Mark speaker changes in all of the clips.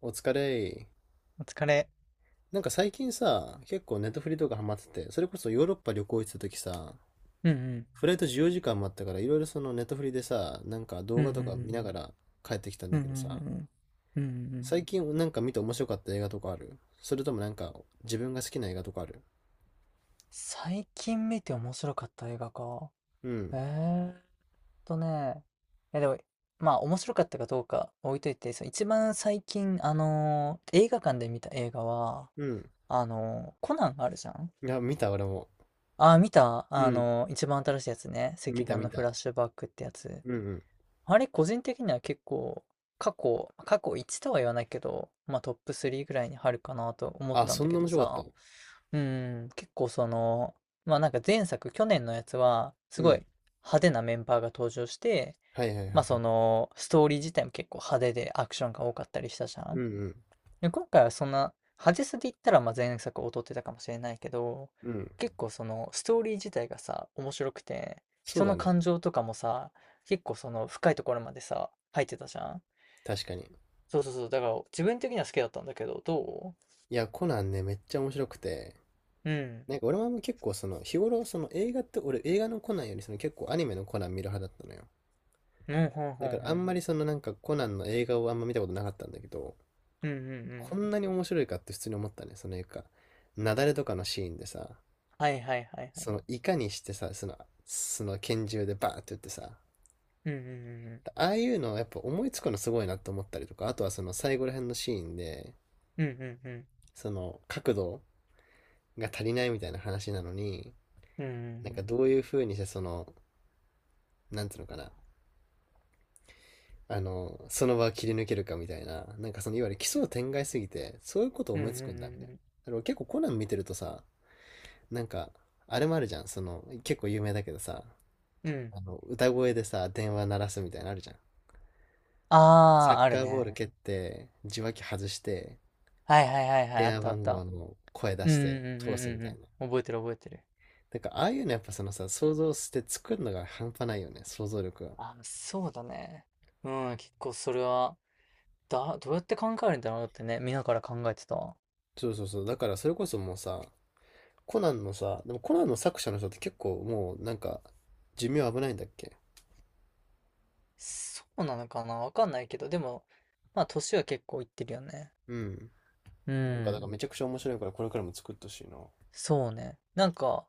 Speaker 1: お疲れ。
Speaker 2: お疲れ。
Speaker 1: なんか最近さ、結構ネットフリとかハマってて、それこそヨーロッパ旅行行ってた時さ、
Speaker 2: うんうん
Speaker 1: フライト14時間待ったから、いろいろネットフリでさ、なんか
Speaker 2: う
Speaker 1: 動画とか見
Speaker 2: ん
Speaker 1: ながら帰ってきたん
Speaker 2: う
Speaker 1: だ
Speaker 2: んうん
Speaker 1: けどさ、
Speaker 2: うんうんうんうんうんうん。
Speaker 1: 最近なんか見て面白かった映画とかある？それともなんか自分が好きな映画とかある？
Speaker 2: 最近見て面白かった映画か。
Speaker 1: う
Speaker 2: え
Speaker 1: ん。
Speaker 2: ーっとね。いやでも、まあ面白かったかどうか置いといて、その一番最近、映画館で見た映画は、
Speaker 1: うん。
Speaker 2: コナンあるじゃん。
Speaker 1: いや、見た俺も。
Speaker 2: ああー、見た
Speaker 1: うん。
Speaker 2: 一番新しいやつね。
Speaker 1: 見
Speaker 2: 赤
Speaker 1: た
Speaker 2: 眼
Speaker 1: 見
Speaker 2: のフラ
Speaker 1: た。
Speaker 2: ッシュバックってやつ。
Speaker 1: うんうん。
Speaker 2: あれ、個人的には結構、過去1とは言わないけど、まあトップ3ぐらいに入るかなと思っ
Speaker 1: あ、
Speaker 2: たん
Speaker 1: そ
Speaker 2: だ
Speaker 1: ん
Speaker 2: け
Speaker 1: な
Speaker 2: ど
Speaker 1: 面白かった
Speaker 2: さ。
Speaker 1: の？
Speaker 2: うん、結構その、まあなんか前作、去年のやつは、す
Speaker 1: う
Speaker 2: ごい
Speaker 1: ん。
Speaker 2: 派手なメンバーが登場して、
Speaker 1: はいはいはいは
Speaker 2: まあそ
Speaker 1: い。
Speaker 2: の、ストーリー自体も結構派手でアクションが多かったりしたじゃ
Speaker 1: う
Speaker 2: ん。
Speaker 1: んうん。
Speaker 2: で、今回はそんな、派手さで言ったら、まあ前作劣ってたかもしれないけど、
Speaker 1: うん。
Speaker 2: 結構その、ストーリー自体がさ、面白くて、
Speaker 1: そう
Speaker 2: 人
Speaker 1: だ
Speaker 2: の
Speaker 1: ね。
Speaker 2: 感情とかもさ、結構その、深いところまでさ、入ってたじゃん。
Speaker 1: 確かに。
Speaker 2: そうそうそう、だから自分的には好きだったんだけど、ど
Speaker 1: いや、コナンね、めっちゃ面白くて。
Speaker 2: ううん。
Speaker 1: なんか俺も結構日頃映画って俺映画のコナンよりその結構アニメのコナン見る派だったのよ。
Speaker 2: うん、ほん
Speaker 1: だ
Speaker 2: ほん
Speaker 1: から
Speaker 2: ほ
Speaker 1: あ
Speaker 2: ん。
Speaker 1: んまりそのなんかコナンの映画をあんま見たことなかったんだけど、
Speaker 2: うんうんう
Speaker 1: こん
Speaker 2: ん。
Speaker 1: なに面白いかって普通に思ったね。そのいうか、雪崩とかのシーンでさ、
Speaker 2: はいはいはいはい。
Speaker 1: そのいかにしてさ、その拳銃でバーって撃ってさ、
Speaker 2: うんうん
Speaker 1: ああいうのやっぱ思いつくのすごいなって思ったりとか、あとはその最後ら辺のシーンで、
Speaker 2: うんうん。うんうんうん。
Speaker 1: その角度が足りないみたいな話なのに、
Speaker 2: う
Speaker 1: なん
Speaker 2: ん
Speaker 1: かどういう風にしてその、なんつうのかな、その場を切り抜けるかみたいな、なんかそのいわゆる奇想天外すぎて、そういうこと
Speaker 2: うんう
Speaker 1: 思いつくんだみたい
Speaker 2: ん
Speaker 1: な。あか結構コナン見てるとさ、なんか、あれもあるじゃん、その、結構有名だけどさ、
Speaker 2: うん。うん。
Speaker 1: 歌声でさ、電話鳴らすみたいなのあるじゃん。サ
Speaker 2: あ
Speaker 1: ッ
Speaker 2: あ、ある
Speaker 1: カーボール
Speaker 2: ね。
Speaker 1: 蹴って、受話器外して、
Speaker 2: はいはいはいはい。あ
Speaker 1: 電
Speaker 2: っ
Speaker 1: 話
Speaker 2: たあっ
Speaker 1: 番号
Speaker 2: た。
Speaker 1: の声出
Speaker 2: うんう
Speaker 1: し
Speaker 2: ん
Speaker 1: て
Speaker 2: うん
Speaker 1: 通す
Speaker 2: う
Speaker 1: み
Speaker 2: ん
Speaker 1: たいな。
Speaker 2: うん。覚えてる覚えてる。
Speaker 1: なんか、ああいうのやっぱそのさ、想像して作るのが半端ないよね、想像力が。
Speaker 2: あ、そうだね。うん、結構それは、だ、どうやって考えるんだろうってね、見ながら考えてた。
Speaker 1: そうそうそう。だからそれこそもうさ、コナンのさ、でもコナンの作者の人って結構もうなんか寿命危ないんだっけ？
Speaker 2: そうなのかなわかんないけど、でも、まあ、年は結構いってるよね。
Speaker 1: うん。
Speaker 2: う
Speaker 1: なんかだか
Speaker 2: ん。
Speaker 1: らめちゃくちゃ面白いからこれからも作ってほしいな。
Speaker 2: そうね。なんか、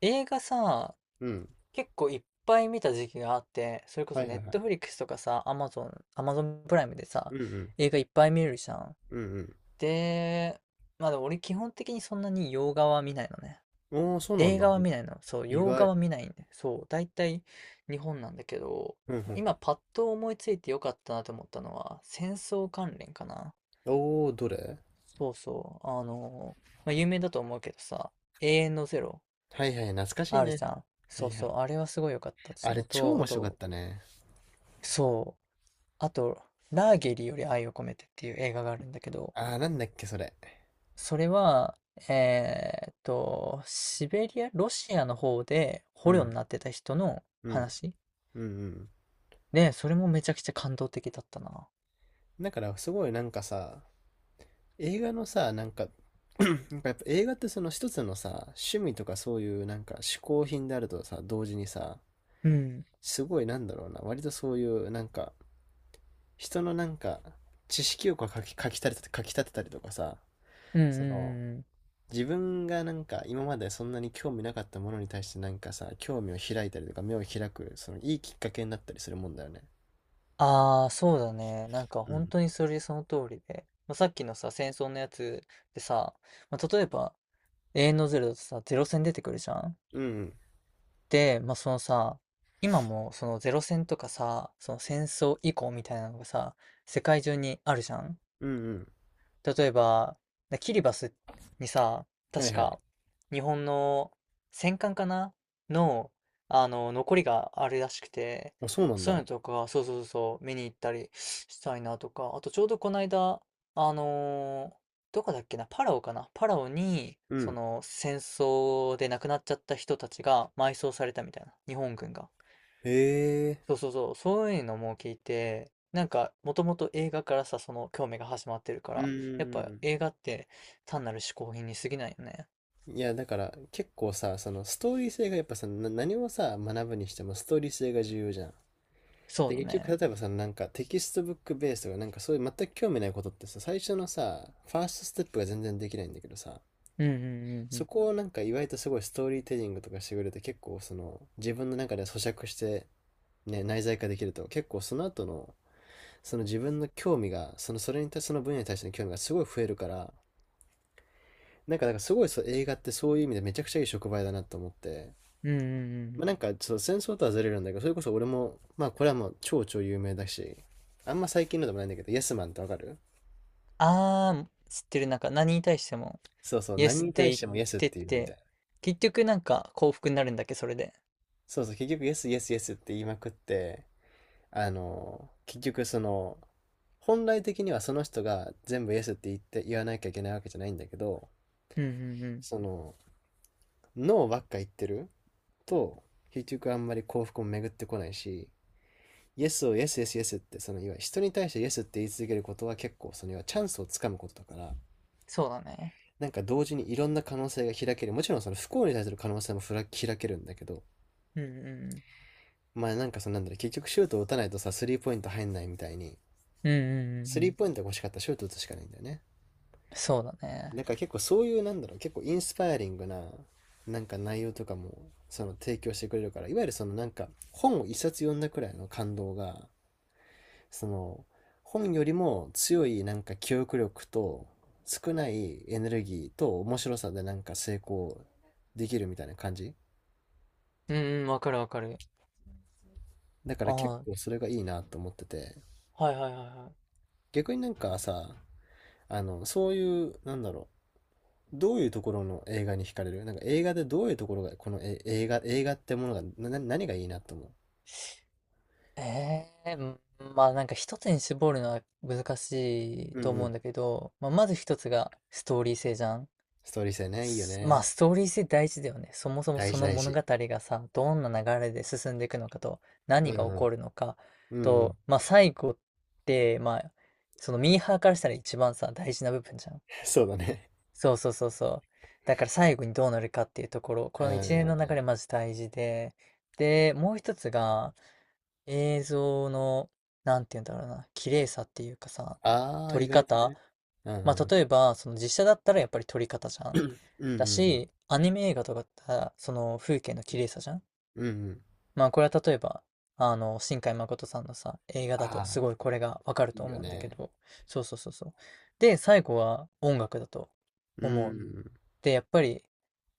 Speaker 2: 映画さ、
Speaker 1: うん。
Speaker 2: 結構いっぱい見た時期があって、それこ
Speaker 1: は
Speaker 2: そ
Speaker 1: い
Speaker 2: ネ
Speaker 1: は
Speaker 2: ッ
Speaker 1: いは
Speaker 2: トフ
Speaker 1: い。
Speaker 2: リックスとかさ、アマゾン、アマゾンプライムでさ、
Speaker 1: うんうん。
Speaker 2: 映画いっぱい見るじゃん。
Speaker 1: うん
Speaker 2: で、まあでも俺基本的にそんなに洋画は見ないのね。
Speaker 1: うん。おー、そうなん
Speaker 2: 映画
Speaker 1: だ。
Speaker 2: は
Speaker 1: い
Speaker 2: 見ないの。そう、
Speaker 1: 意
Speaker 2: 洋画
Speaker 1: 外。
Speaker 2: は見ないんで。そう、大体日本なんだけど、
Speaker 1: うんう
Speaker 2: 今パッと思いついてよかったなと思ったのは、戦争関連かな。
Speaker 1: ん。おー、どれ？
Speaker 2: そうそう。まあ有名だと思うけどさ、永遠のゼロ
Speaker 1: はいはい、懐かしい
Speaker 2: ある
Speaker 1: ね。
Speaker 2: じゃん。
Speaker 1: は
Speaker 2: そう
Speaker 1: いは
Speaker 2: そ
Speaker 1: い。
Speaker 2: う、あれはすごい良かったっ
Speaker 1: あ
Speaker 2: つ
Speaker 1: れ
Speaker 2: の
Speaker 1: 超
Speaker 2: と、あ
Speaker 1: 面白かっ
Speaker 2: と、
Speaker 1: たね。
Speaker 2: そうあと、ラーゲリより愛を込めてっていう映画があるんだけど、
Speaker 1: あー、なんだっけそれ。
Speaker 2: それは、えーっと、シベリア、ロシアの方で
Speaker 1: う
Speaker 2: 捕虜に
Speaker 1: ん。
Speaker 2: なってた人の
Speaker 1: うん。
Speaker 2: 話
Speaker 1: うんうん。
Speaker 2: で、それもめちゃくちゃ感動的だったな。
Speaker 1: だからすごいなんかさ、映画のさ、なんか、なんかやっぱ映画ってその一つのさ、趣味とかそういうなんか嗜好品であるとさ、同時にさ、
Speaker 2: うん。
Speaker 1: すごいなんだろうな、割とそういうなんか、人のなんか、知識欲をかき立てたりとかさ、
Speaker 2: うんう
Speaker 1: その、
Speaker 2: んうん。
Speaker 1: 自分がなんか今までそんなに興味なかったものに対してなんかさ、興味を開いたりとか目を開く、そのいいきっかけになったりするもんだよね。
Speaker 2: ああ、そうだね。なんか
Speaker 1: う
Speaker 2: 本
Speaker 1: ん。
Speaker 2: 当にそれその通りで。まあ、さっきのさ、戦争のやつでさ、まあ、例えば、永遠のゼロだとさ、ゼロ戦出てくるじゃん。
Speaker 1: うんうん。
Speaker 2: で、まあ、そのさ、今もそのゼロ戦とかさ、その戦争以降みたいなのがさ、世界中にあるじゃん。
Speaker 1: うん
Speaker 2: 例えば、なキリバスにさ、
Speaker 1: うん。は
Speaker 2: 確
Speaker 1: いはい。
Speaker 2: か日本の戦艦かなの、あの、残りがあるらしくて、
Speaker 1: あ、そうなん
Speaker 2: そういう
Speaker 1: だ。
Speaker 2: のとか、そうそうそうそう、見に行ったりしたいなとか、あとちょうどこの間、あのーどこだっけな、パラオかなパラオに、
Speaker 1: う
Speaker 2: そ
Speaker 1: ん。
Speaker 2: の戦争で亡くなっちゃった人たちが埋葬されたみたいな、日本軍が。
Speaker 1: へえ。
Speaker 2: そうそうそう、そういうのも聞いて、なんか、もともと映画からさ、その興味が始まってるか
Speaker 1: う
Speaker 2: ら、やっぱ
Speaker 1: ん。
Speaker 2: 映画って単なる嗜好品に過ぎないよね。
Speaker 1: いや、だから結構さ、そのストーリー性がやっぱさ、何をさ、学ぶにしてもストーリー性が重要じゃん。
Speaker 2: そう
Speaker 1: で、
Speaker 2: だ
Speaker 1: 結
Speaker 2: ね。
Speaker 1: 局、例えばさ、なんかテキストブックベースとか、なんかそういう全く興味ないことってさ、最初のさ、ファーストステップが全然できないんだけどさ、
Speaker 2: うんうんうんう
Speaker 1: そ
Speaker 2: ん。
Speaker 1: こをなんか意外とすごいストーリーテリングとかしてくれて、結構その自分の中で咀嚼して、ね、内在化できると、結構その後の、その自分の興味が、そのそれに対して、その分野に対しての興味がすごい増えるから、なんか、だからすごいそう映画ってそういう意味でめちゃくちゃいい触媒だなと思って、
Speaker 2: うんうんうんう
Speaker 1: まあ、
Speaker 2: ん。
Speaker 1: なんか、そう、戦争とはずれるんだけど、それこそ俺も、まあ、これはもう超有名だし、あんま最近のでもないんだけど、イエスマンってわかる？
Speaker 2: あー、知ってる。なんか何に対しても、
Speaker 1: そうそう、
Speaker 2: イエ
Speaker 1: 何
Speaker 2: ス
Speaker 1: に
Speaker 2: って
Speaker 1: 対
Speaker 2: 言
Speaker 1: し
Speaker 2: っ
Speaker 1: てもイエスっ
Speaker 2: て
Speaker 1: ていうのみた
Speaker 2: て、
Speaker 1: いな。
Speaker 2: 結局なんか幸福になるんだっけ、それで。
Speaker 1: そうそう、結局イエスイエスイエスって言いまくって、結局その、本来的にはその人が全部イエスって言って言わなきゃいけないわけじゃないんだけど、
Speaker 2: うんうんうん。
Speaker 1: その、ノーばっか言ってると、結局あんまり幸福も巡ってこないし、イエスをイエスイエスイエスってそのいわゆる人に対してイエスって言い続けることは結構そのいわゆるチャンスをつかむことだから、
Speaker 2: そうだね。
Speaker 1: なんか同時にいろんな可能性が開ける。もちろんその不幸に対する可能性も開けるんだけど、
Speaker 2: うん
Speaker 1: まあなんかそのなんだろう、結局シュートを打たないとさ、スリーポイント入んないみたいに、
Speaker 2: うんうん。うんうん
Speaker 1: ス
Speaker 2: うんう
Speaker 1: リー
Speaker 2: ん。
Speaker 1: ポイントが欲しかったらシュート打つしかないんだよね。
Speaker 2: そうだね。
Speaker 1: なんか結構そういうなんだろう、結構インスパイアリングななんか内容とかもその提供してくれるから、いわゆるそのなんか本を一冊読んだくらいの感動が、その本よりも強いなんか記憶力と少ないエネルギーと面白さでなんか成功できるみたいな感じ。
Speaker 2: うんうん、わかるわかる。
Speaker 1: だから結
Speaker 2: ああ、
Speaker 1: 構それがいいなと思ってて、
Speaker 2: はいはいはいはい。
Speaker 1: 逆になんかさ、あのそういうなんだろう、どういうところの映画に惹かれる？なんか映画でどういうところがこの映画ってものが何がいいなと思
Speaker 2: ええー、まあなんか一つに絞るのは難しい
Speaker 1: う？う
Speaker 2: と
Speaker 1: んう
Speaker 2: 思う
Speaker 1: ん。
Speaker 2: んだけど、まあ、まず一つがストーリー性じゃん。
Speaker 1: ストーリー性ねいいよ
Speaker 2: すまあ
Speaker 1: ね。
Speaker 2: ストーリー性大事だよね。そもそも
Speaker 1: 大
Speaker 2: そ
Speaker 1: 事
Speaker 2: の
Speaker 1: 大
Speaker 2: 物
Speaker 1: 事。
Speaker 2: 語がさ、どんな流れで進んでいくのかと、
Speaker 1: う
Speaker 2: 何
Speaker 1: んう
Speaker 2: が起
Speaker 1: ん
Speaker 2: こるのか
Speaker 1: うんう
Speaker 2: と、
Speaker 1: ん。
Speaker 2: まあ最後って、まあ、そのミーハーからしたら一番さ、大事な部分じゃん。
Speaker 1: そうだね。
Speaker 2: そうそうそうそう。だから最後にどうなるかっていうところ、
Speaker 1: う
Speaker 2: この一連の流
Speaker 1: ん。
Speaker 2: れマジ大事で、で、もう一つが、映像の、なんて言うんだろうな、綺麗さっていうかさ、
Speaker 1: ああ
Speaker 2: 撮
Speaker 1: ー意
Speaker 2: り
Speaker 1: 外と
Speaker 2: 方。
Speaker 1: ね。うんう
Speaker 2: まあ、
Speaker 1: ん
Speaker 2: 例えば、その実写だったらやっぱり撮り方じゃ
Speaker 1: う
Speaker 2: ん。
Speaker 1: んう
Speaker 2: だ
Speaker 1: ん
Speaker 2: し、アニメ映画とかだったら、その風景の綺麗さじゃん。
Speaker 1: うん。うんうん。
Speaker 2: まあ、これは例えば、あの、新海誠さんのさ、映画
Speaker 1: あ
Speaker 2: だとす
Speaker 1: あ、
Speaker 2: ごいこれがわかる
Speaker 1: い
Speaker 2: と
Speaker 1: いよ
Speaker 2: 思うんだけ
Speaker 1: ね。
Speaker 2: ど、そうそうそうそう。で、最後は音楽だと
Speaker 1: う
Speaker 2: 思う。
Speaker 1: ん。
Speaker 2: で、やっぱり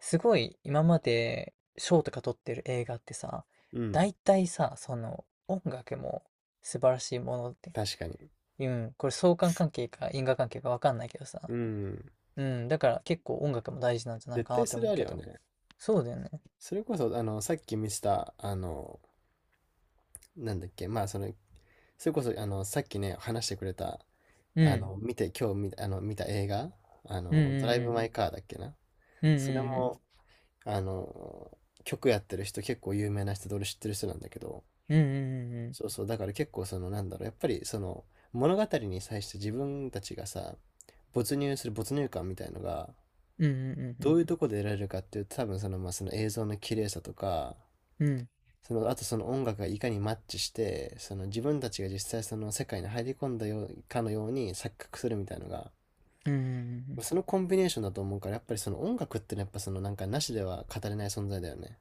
Speaker 2: すごい今まで賞とか取ってる映画ってさ、
Speaker 1: うん。
Speaker 2: 大体さ、その音楽も素晴らしいものって、
Speaker 1: 確かに。
Speaker 2: うん、これ相関関係か因果関係かわかんないけど
Speaker 1: う
Speaker 2: さ、
Speaker 1: ん。
Speaker 2: うん、だから結構音楽も大事なんじゃない
Speaker 1: 絶
Speaker 2: かな
Speaker 1: 対
Speaker 2: って
Speaker 1: それ
Speaker 2: 思う
Speaker 1: ある
Speaker 2: け
Speaker 1: よ
Speaker 2: ど、
Speaker 1: ね。
Speaker 2: そうだよね。
Speaker 1: それこそ、さっき見せた、あの、なんだっけ、まあ、その、それこそ、あの、さっきね、話してくれた、
Speaker 2: う
Speaker 1: あ
Speaker 2: ん、
Speaker 1: の、今日見た、見た映画、あ
Speaker 2: うん
Speaker 1: の、ドライ
Speaker 2: う
Speaker 1: ブ・マイ・
Speaker 2: ん
Speaker 1: カーだっけな。
Speaker 2: うん、
Speaker 1: それ
Speaker 2: うん
Speaker 1: も、あの、曲やってる人、結構有名な人で、俺知ってる人なんだけど、
Speaker 2: うんうん、うんうんうん
Speaker 1: そうそう、だから結構そのなんだろう、やっぱりその物語に際して自分たちがさ、没入感みたいのが、
Speaker 2: うん、うんうんう
Speaker 1: ど
Speaker 2: ん
Speaker 1: ういうとこで得られるかっていうと、多分その、まあ、その映像の綺麗さとか、
Speaker 2: うん、うん
Speaker 1: その、あとその音楽がいかにマッチして、その自分たちが実際その世界に入り込んだようかのように錯覚するみたいのが、
Speaker 2: うんうん
Speaker 1: そのコンビネーションだと思うから、やっぱりその音楽ってのはやっぱそのなんかなしでは語れない存在だよね。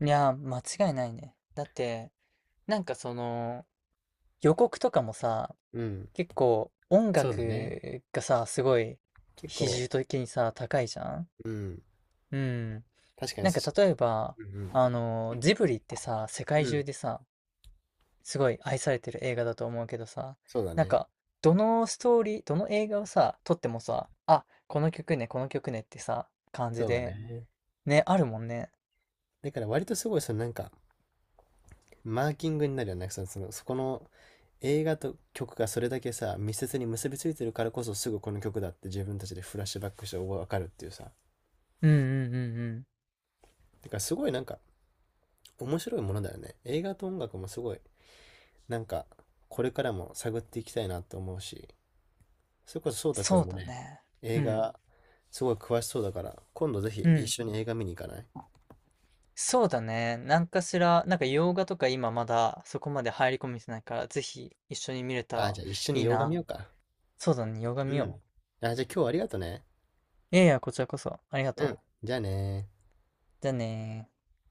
Speaker 2: うん。いやー、間違いないね。だって、なんかその、予告とかもさ、
Speaker 1: うん。
Speaker 2: 結構音
Speaker 1: そうだね。
Speaker 2: 楽がさ、すごい
Speaker 1: 結
Speaker 2: 比
Speaker 1: 構、
Speaker 2: 重的にさ、高いじゃん。
Speaker 1: うん。
Speaker 2: うん。
Speaker 1: 確かに
Speaker 2: なんか例えば、
Speaker 1: うん
Speaker 2: あの、ジブリってさ、世
Speaker 1: う
Speaker 2: 界
Speaker 1: ん。う
Speaker 2: 中
Speaker 1: ん。
Speaker 2: でさ、すごい愛されてる映画だと思うけどさ、
Speaker 1: そうだ
Speaker 2: なん
Speaker 1: ね。
Speaker 2: か、どのストーリー、どの映画をさ、撮ってもさ、あ、この曲ね、この曲ねってさ、感じ
Speaker 1: そうだ
Speaker 2: で、
Speaker 1: ね。
Speaker 2: ね、あるもんね。
Speaker 1: だから割とすごいそのなんかマーキングになるよね。そのそこの映画と曲がそれだけさ密接に結びついてるからこそすぐこの曲だって自分たちでフラッシュバックして分かるっていうさ。
Speaker 2: うんうんうんうん。
Speaker 1: だからすごいなんか面白いものだよね。映画と音楽もすごいなんかこれからも探っていきたいなと思うし、それこそ颯太く
Speaker 2: そ
Speaker 1: ん
Speaker 2: う
Speaker 1: も
Speaker 2: だ
Speaker 1: ね、
Speaker 2: ね。う
Speaker 1: 映
Speaker 2: ん。
Speaker 1: 画すごい詳しそうだから今度ぜひ
Speaker 2: う
Speaker 1: 一
Speaker 2: ん。
Speaker 1: 緒に映画見に行かない？
Speaker 2: そうだね。なんかしら、なんか洋画とか今まだそこまで入り込めてないから、ぜひ一緒に見れた
Speaker 1: あ、
Speaker 2: ら
Speaker 1: じゃあ一緒
Speaker 2: い
Speaker 1: に
Speaker 2: い
Speaker 1: 洋画見
Speaker 2: な。
Speaker 1: ようか。
Speaker 2: そうだね、洋画
Speaker 1: う
Speaker 2: 見
Speaker 1: ん。
Speaker 2: よ
Speaker 1: あ、じゃあ今日はありがとね。
Speaker 2: う。いやいや、こちらこそ。ありが
Speaker 1: う
Speaker 2: と
Speaker 1: ん。
Speaker 2: う。
Speaker 1: じゃあねー
Speaker 2: じゃあねー。